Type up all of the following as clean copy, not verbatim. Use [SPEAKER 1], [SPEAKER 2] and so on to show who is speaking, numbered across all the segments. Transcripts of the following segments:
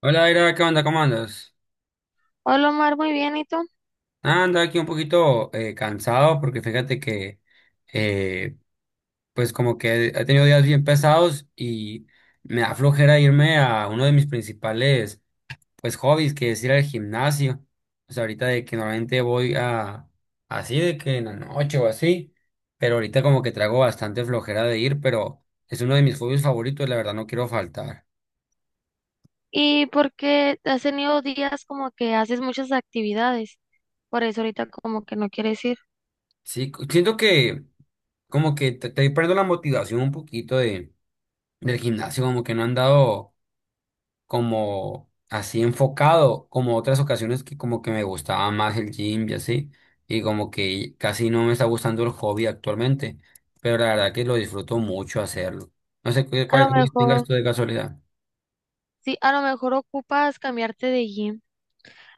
[SPEAKER 1] Hola, Aira, ¿qué onda? ¿Cómo andas?
[SPEAKER 2] Hola Omar, muy bien, ¿y tú?
[SPEAKER 1] Anda aquí un poquito cansado porque fíjate que, eh, pues como que he tenido días bien pesados y me da flojera irme a uno de mis principales, pues, hobbies, que es ir al gimnasio. O sea, ahorita de que normalmente voy a, así de que en la noche o así, pero ahorita como que traigo bastante flojera de ir, pero es uno de mis hobbies favoritos, la verdad no quiero faltar.
[SPEAKER 2] ¿Y por qué has tenido días como que haces muchas actividades? Por eso ahorita como que no quieres ir.
[SPEAKER 1] Sí, siento que como que te perdiendo la motivación un poquito de del gimnasio, como que no han dado como así enfocado, como otras ocasiones que como que me gustaba más el gym y así, y como que casi no me está gustando el hobby actualmente, pero la verdad que lo disfruto mucho hacerlo. No sé
[SPEAKER 2] A
[SPEAKER 1] cuál
[SPEAKER 2] lo
[SPEAKER 1] hobby tengas
[SPEAKER 2] mejor,
[SPEAKER 1] tú de casualidad.
[SPEAKER 2] sí, a lo mejor ocupas cambiarte de gym.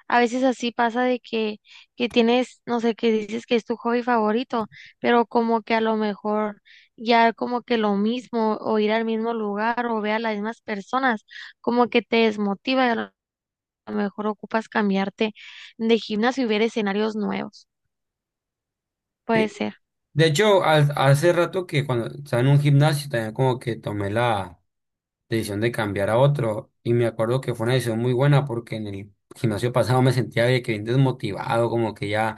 [SPEAKER 2] A veces así pasa de que tienes, no sé, que dices que es tu hobby favorito, pero como que a lo mejor ya como que lo mismo o ir al mismo lugar o ver a las mismas personas, como que te desmotiva y a lo mejor ocupas cambiarte de gimnasio y ver escenarios nuevos. Puede
[SPEAKER 1] Sí.
[SPEAKER 2] ser.
[SPEAKER 1] De hecho, hace rato que cuando estaba en un gimnasio también como que tomé la decisión de cambiar a otro. Y me acuerdo que fue una decisión muy buena porque en el gimnasio pasado me sentía de que bien desmotivado, como que ya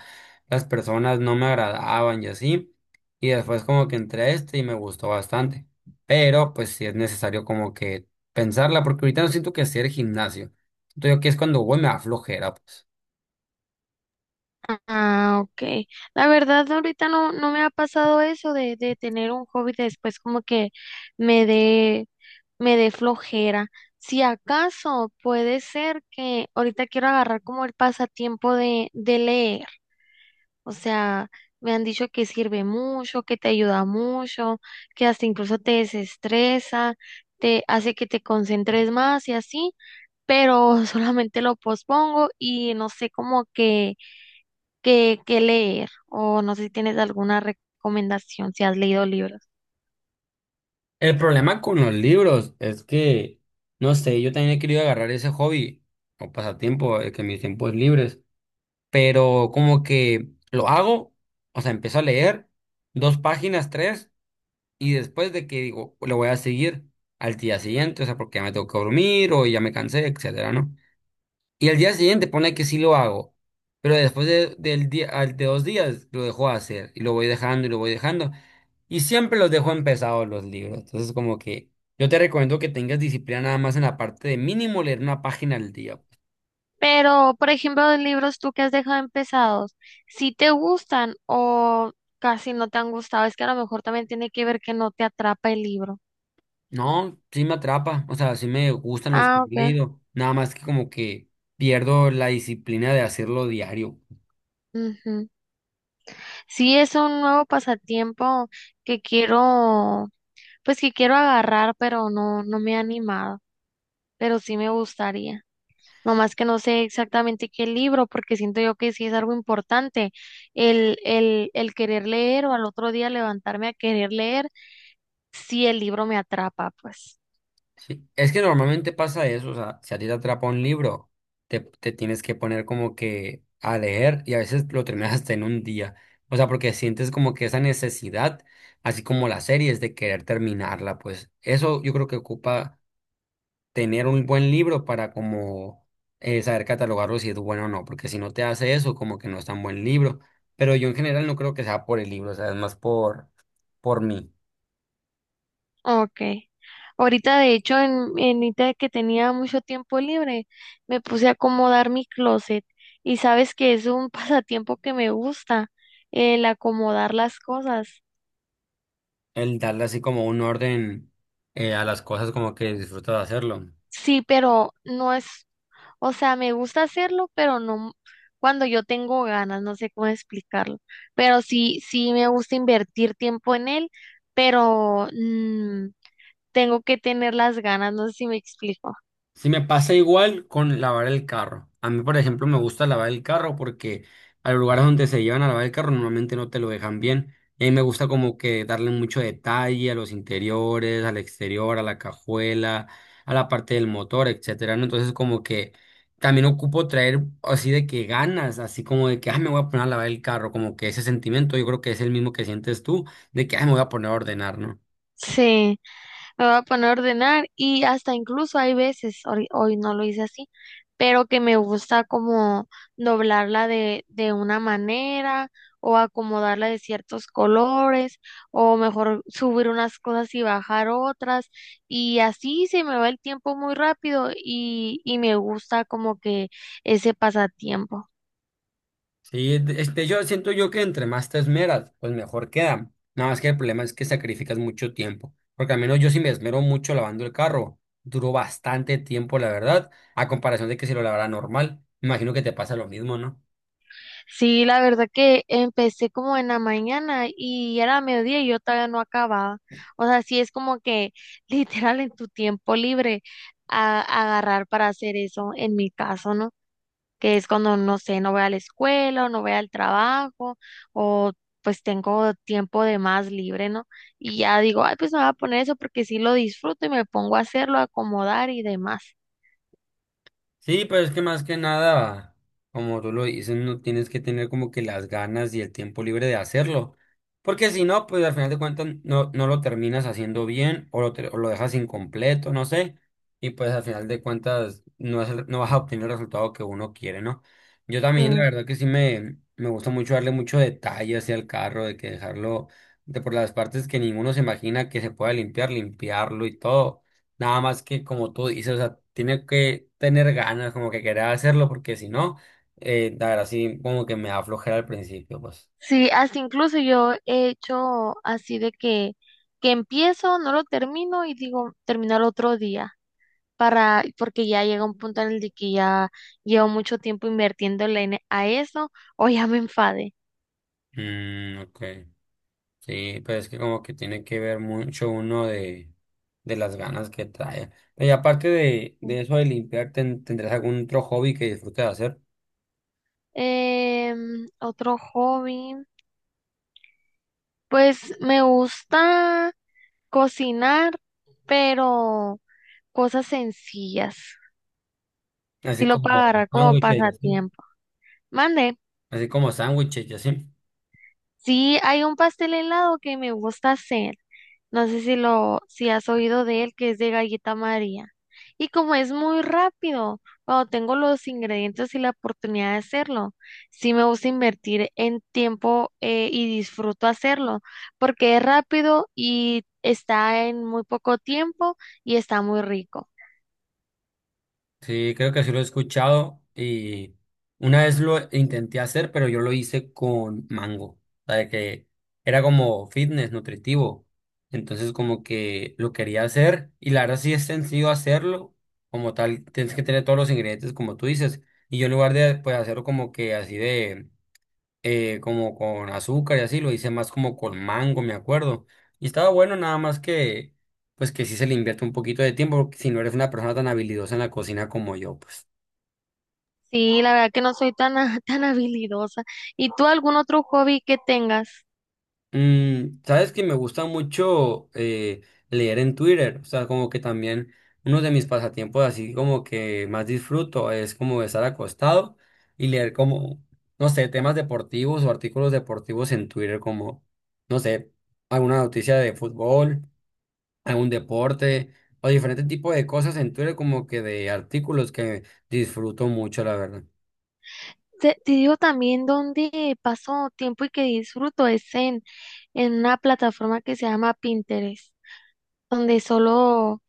[SPEAKER 1] las personas no me agradaban y así. Y después como que entré a este y me gustó bastante. Pero pues sí es necesario como que pensarla porque ahorita no siento que sea el gimnasio. Siento yo que es cuando voy me da flojera, pues.
[SPEAKER 2] Ah, ok. La verdad, ahorita no, no me ha pasado eso de tener un hobby después como que me dé, me dé flojera. Si acaso puede ser que ahorita quiero agarrar como el pasatiempo de leer. O sea, me han dicho que sirve mucho, que te ayuda mucho, que hasta incluso te desestresa, te hace que te concentres más y así, pero solamente lo pospongo y no sé como que que leer o no sé si tienes alguna recomendación si has leído libros.
[SPEAKER 1] El problema con los libros es que, no sé, yo también he querido agarrar ese hobby o pasatiempo, el que mis tiempos libres, pero como que lo hago, o sea, empiezo a leer dos páginas, tres, y después de que digo, lo voy a seguir al día siguiente, o sea, porque ya me tengo que dormir o ya me cansé, etcétera, ¿no? Y al día siguiente pone que sí lo hago, pero después del día, de dos días lo dejo de hacer y lo voy dejando y lo voy dejando. Y siempre los dejo empezados los libros, entonces como que yo te recomiendo que tengas disciplina nada más en la parte de mínimo leer una página al día.
[SPEAKER 2] Pero, por ejemplo, de libros tú que has dejado empezados, si te gustan o casi no te han gustado, es que a lo mejor también tiene que ver que no te atrapa el libro.
[SPEAKER 1] No, sí me atrapa, o sea, sí me gustan los que
[SPEAKER 2] Ah,
[SPEAKER 1] he
[SPEAKER 2] ok.
[SPEAKER 1] leído, nada más que como que pierdo la disciplina de hacerlo diario.
[SPEAKER 2] Ujú. Sí, es un nuevo pasatiempo que quiero, pues que quiero agarrar, pero no, no me he animado, pero sí me gustaría. Nomás que no sé exactamente qué libro, porque siento yo que sí es algo importante. El querer leer o al otro día levantarme a querer leer, si el libro me atrapa, pues.
[SPEAKER 1] Sí. Es que normalmente pasa eso, o sea, si a ti te atrapa un libro, te tienes que poner como que a leer y a veces lo terminas hasta en un día, o sea, porque sientes como que esa necesidad, así como las series, de querer terminarla, pues eso yo creo que ocupa tener un buen libro para como saber catalogarlo si es bueno o no, porque si no te hace eso, como que no es tan buen libro. Pero yo en general no creo que sea por el libro, o sea, es más por mí,
[SPEAKER 2] Ok. Ahorita, de hecho, en ahorita que tenía mucho tiempo libre, me puse a acomodar mi closet. Y sabes que es un pasatiempo que me gusta, el acomodar las cosas.
[SPEAKER 1] el darle así como un orden a las cosas como que disfruto de hacerlo.
[SPEAKER 2] Sí, pero no es. O sea, me gusta hacerlo, pero no cuando yo tengo ganas, no sé cómo explicarlo. Pero sí, sí me gusta invertir tiempo en él, pero tengo que tener las ganas, no sé si me explico.
[SPEAKER 1] Si me pasa igual con lavar el carro. A mí, por ejemplo, me gusta lavar el carro porque a los lugares donde se llevan a lavar el carro normalmente no te lo dejan bien. Y a mí me gusta como que darle mucho detalle a los interiores, al exterior, a la cajuela, a la parte del motor, etcétera, ¿no? Entonces como que también ocupo traer así de que ganas, así como de que, ah, me voy a poner a lavar el carro, como que ese sentimiento yo creo que es el mismo que sientes tú, de que, ah, me voy a poner a ordenar, ¿no?
[SPEAKER 2] Sí. Me voy a poner a ordenar y hasta incluso hay veces, hoy, hoy no lo hice así, pero que me gusta como doblarla de una manera o acomodarla de ciertos colores o mejor subir unas cosas y bajar otras y así se me va el tiempo muy rápido y me gusta como que ese pasatiempo.
[SPEAKER 1] Sí, este, yo siento yo que entre más te esmeras, pues mejor queda. Nada más que el problema es que sacrificas mucho tiempo. Porque al menos yo sí me esmero mucho lavando el carro. Duró bastante tiempo, la verdad, a comparación de que si lo lavara normal. Me imagino que te pasa lo mismo, ¿no?
[SPEAKER 2] Sí, la verdad que empecé como en la mañana y era mediodía y yo todavía no acababa. O sea, sí es como que literal en tu tiempo libre a, agarrar para hacer eso en mi caso, ¿no? Que es cuando, no sé, no voy a la escuela o no voy al trabajo o pues tengo tiempo de más libre, ¿no? Y ya digo, ay, pues me voy a poner eso porque sí lo disfruto y me pongo a hacerlo, a acomodar y demás.
[SPEAKER 1] Sí, pero es que más que nada, como tú lo dices, no tienes que tener como que las ganas y el tiempo libre de hacerlo. Porque si no, pues al final de cuentas no, no lo terminas haciendo bien o o lo dejas incompleto, no sé. Y pues al final de cuentas no, es no vas a obtener el resultado que uno quiere, ¿no? Yo también, la
[SPEAKER 2] Sí.
[SPEAKER 1] verdad que sí me gusta mucho darle mucho detalle hacia el carro, de que dejarlo de por las partes que ninguno se imagina que se pueda limpiar, limpiarlo y todo. Nada más que como tú dices, o sea, tiene que tener ganas, como que querer hacerlo, porque si no, la verdad sí, como que me da flojera al principio, pues.
[SPEAKER 2] Sí, hasta incluso yo he hecho así de que empiezo, no lo termino y digo terminar otro día para, porque ya llega un punto en el de que ya llevo mucho tiempo invirtiéndole en- a eso o ya me enfade.
[SPEAKER 1] Mm, ok. Sí, pero es que como que tiene que ver mucho uno de las ganas que trae. Y aparte de eso de limpiar, ¿tendrás algún otro hobby que disfrutes de hacer?
[SPEAKER 2] Otro hobby, pues me gusta cocinar, pero cosas sencillas. Si
[SPEAKER 1] Así
[SPEAKER 2] lo puedo
[SPEAKER 1] como
[SPEAKER 2] agarrar como
[SPEAKER 1] sándwiches y así.
[SPEAKER 2] pasatiempo. Mande.
[SPEAKER 1] Así como sándwiches y así.
[SPEAKER 2] Sí, hay un pastel helado que me gusta hacer. No sé si lo, si has oído de él, que es de galleta María. Y como es muy rápido, cuando tengo los ingredientes y la oportunidad de hacerlo, sí me gusta invertir en tiempo y disfruto hacerlo, porque es rápido y está en muy poco tiempo y está muy rico.
[SPEAKER 1] Sí, creo que sí lo he escuchado y una vez lo intenté hacer, pero yo lo hice con mango, o sea, de que era como fitness nutritivo, entonces como que lo quería hacer y la verdad sí es sencillo hacerlo, como tal, tienes que tener todos los ingredientes como tú dices, y yo en lugar de pues hacerlo como que así de como con azúcar y así, lo hice más como con mango, me acuerdo. Y estaba bueno, nada más que, pues que sí se le invierte un poquito de tiempo, porque si no eres una persona tan habilidosa en la cocina como yo, pues.
[SPEAKER 2] Sí, la verdad que no soy tan, a- tan habilidosa. ¿Y tú algún otro hobby que tengas?
[SPEAKER 1] Mm, sabes que me gusta mucho leer en Twitter, o sea, como que también uno de mis pasatiempos así como que más disfruto es como estar acostado y leer como, no sé, temas deportivos o artículos deportivos en Twitter como, no sé, alguna noticia de fútbol algún deporte o diferentes tipos de cosas en Twitter, como que de artículos que disfruto mucho, la verdad.
[SPEAKER 2] Te digo también donde paso tiempo y que disfruto es en una plataforma que se llama Pinterest, donde solo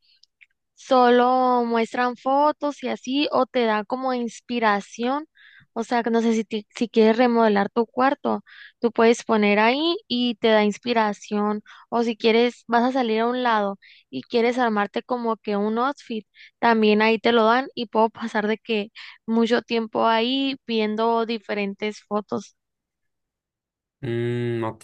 [SPEAKER 2] solo muestran fotos y así, o te da como inspiración. O sea, que no sé si, ti- si quieres remodelar tu cuarto, tú puedes poner ahí y te da inspiración. O si quieres, vas a salir a un lado y quieres armarte como que un outfit, también ahí te lo dan y puedo pasar de que mucho tiempo ahí viendo diferentes fotos.
[SPEAKER 1] Mm, ok.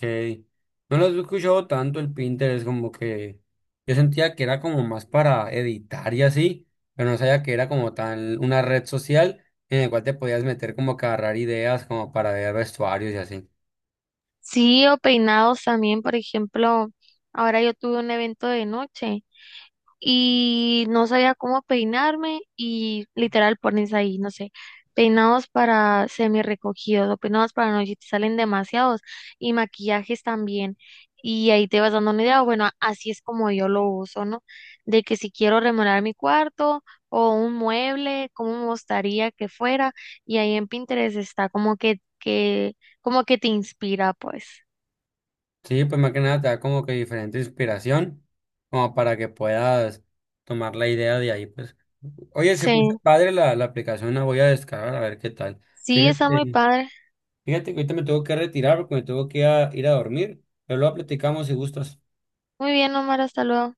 [SPEAKER 1] No los he escuchado tanto el Pinterest, como que yo sentía que era como más para editar y así, pero no sabía que era como tal una red social en la cual te podías meter como que a agarrar ideas como para ver vestuarios y así.
[SPEAKER 2] Sí, o peinados también, por ejemplo, ahora yo tuve un evento de noche. Y no sabía cómo peinarme y literal pones ahí, no sé, peinados para semi recogidos o peinados para noche, te salen demasiados y maquillajes también. Y ahí te vas dando una idea, bueno, así es como yo lo uso, ¿no? De que si quiero remodelar mi cuarto o un mueble, cómo me gustaría que fuera, y ahí en Pinterest está como que, como que te inspira, pues.
[SPEAKER 1] Sí, pues más que nada te da como que diferente inspiración, como para que puedas tomar la idea de ahí, pues. Oye, se escucha
[SPEAKER 2] Sí,
[SPEAKER 1] padre la aplicación, la voy a descargar a ver qué tal.
[SPEAKER 2] sí, está muy
[SPEAKER 1] Fíjate,
[SPEAKER 2] padre.
[SPEAKER 1] fíjate que ahorita me tengo que retirar porque me tengo que ir ir a dormir, pero luego platicamos si gustas.
[SPEAKER 2] Muy bien, Omar, hasta luego.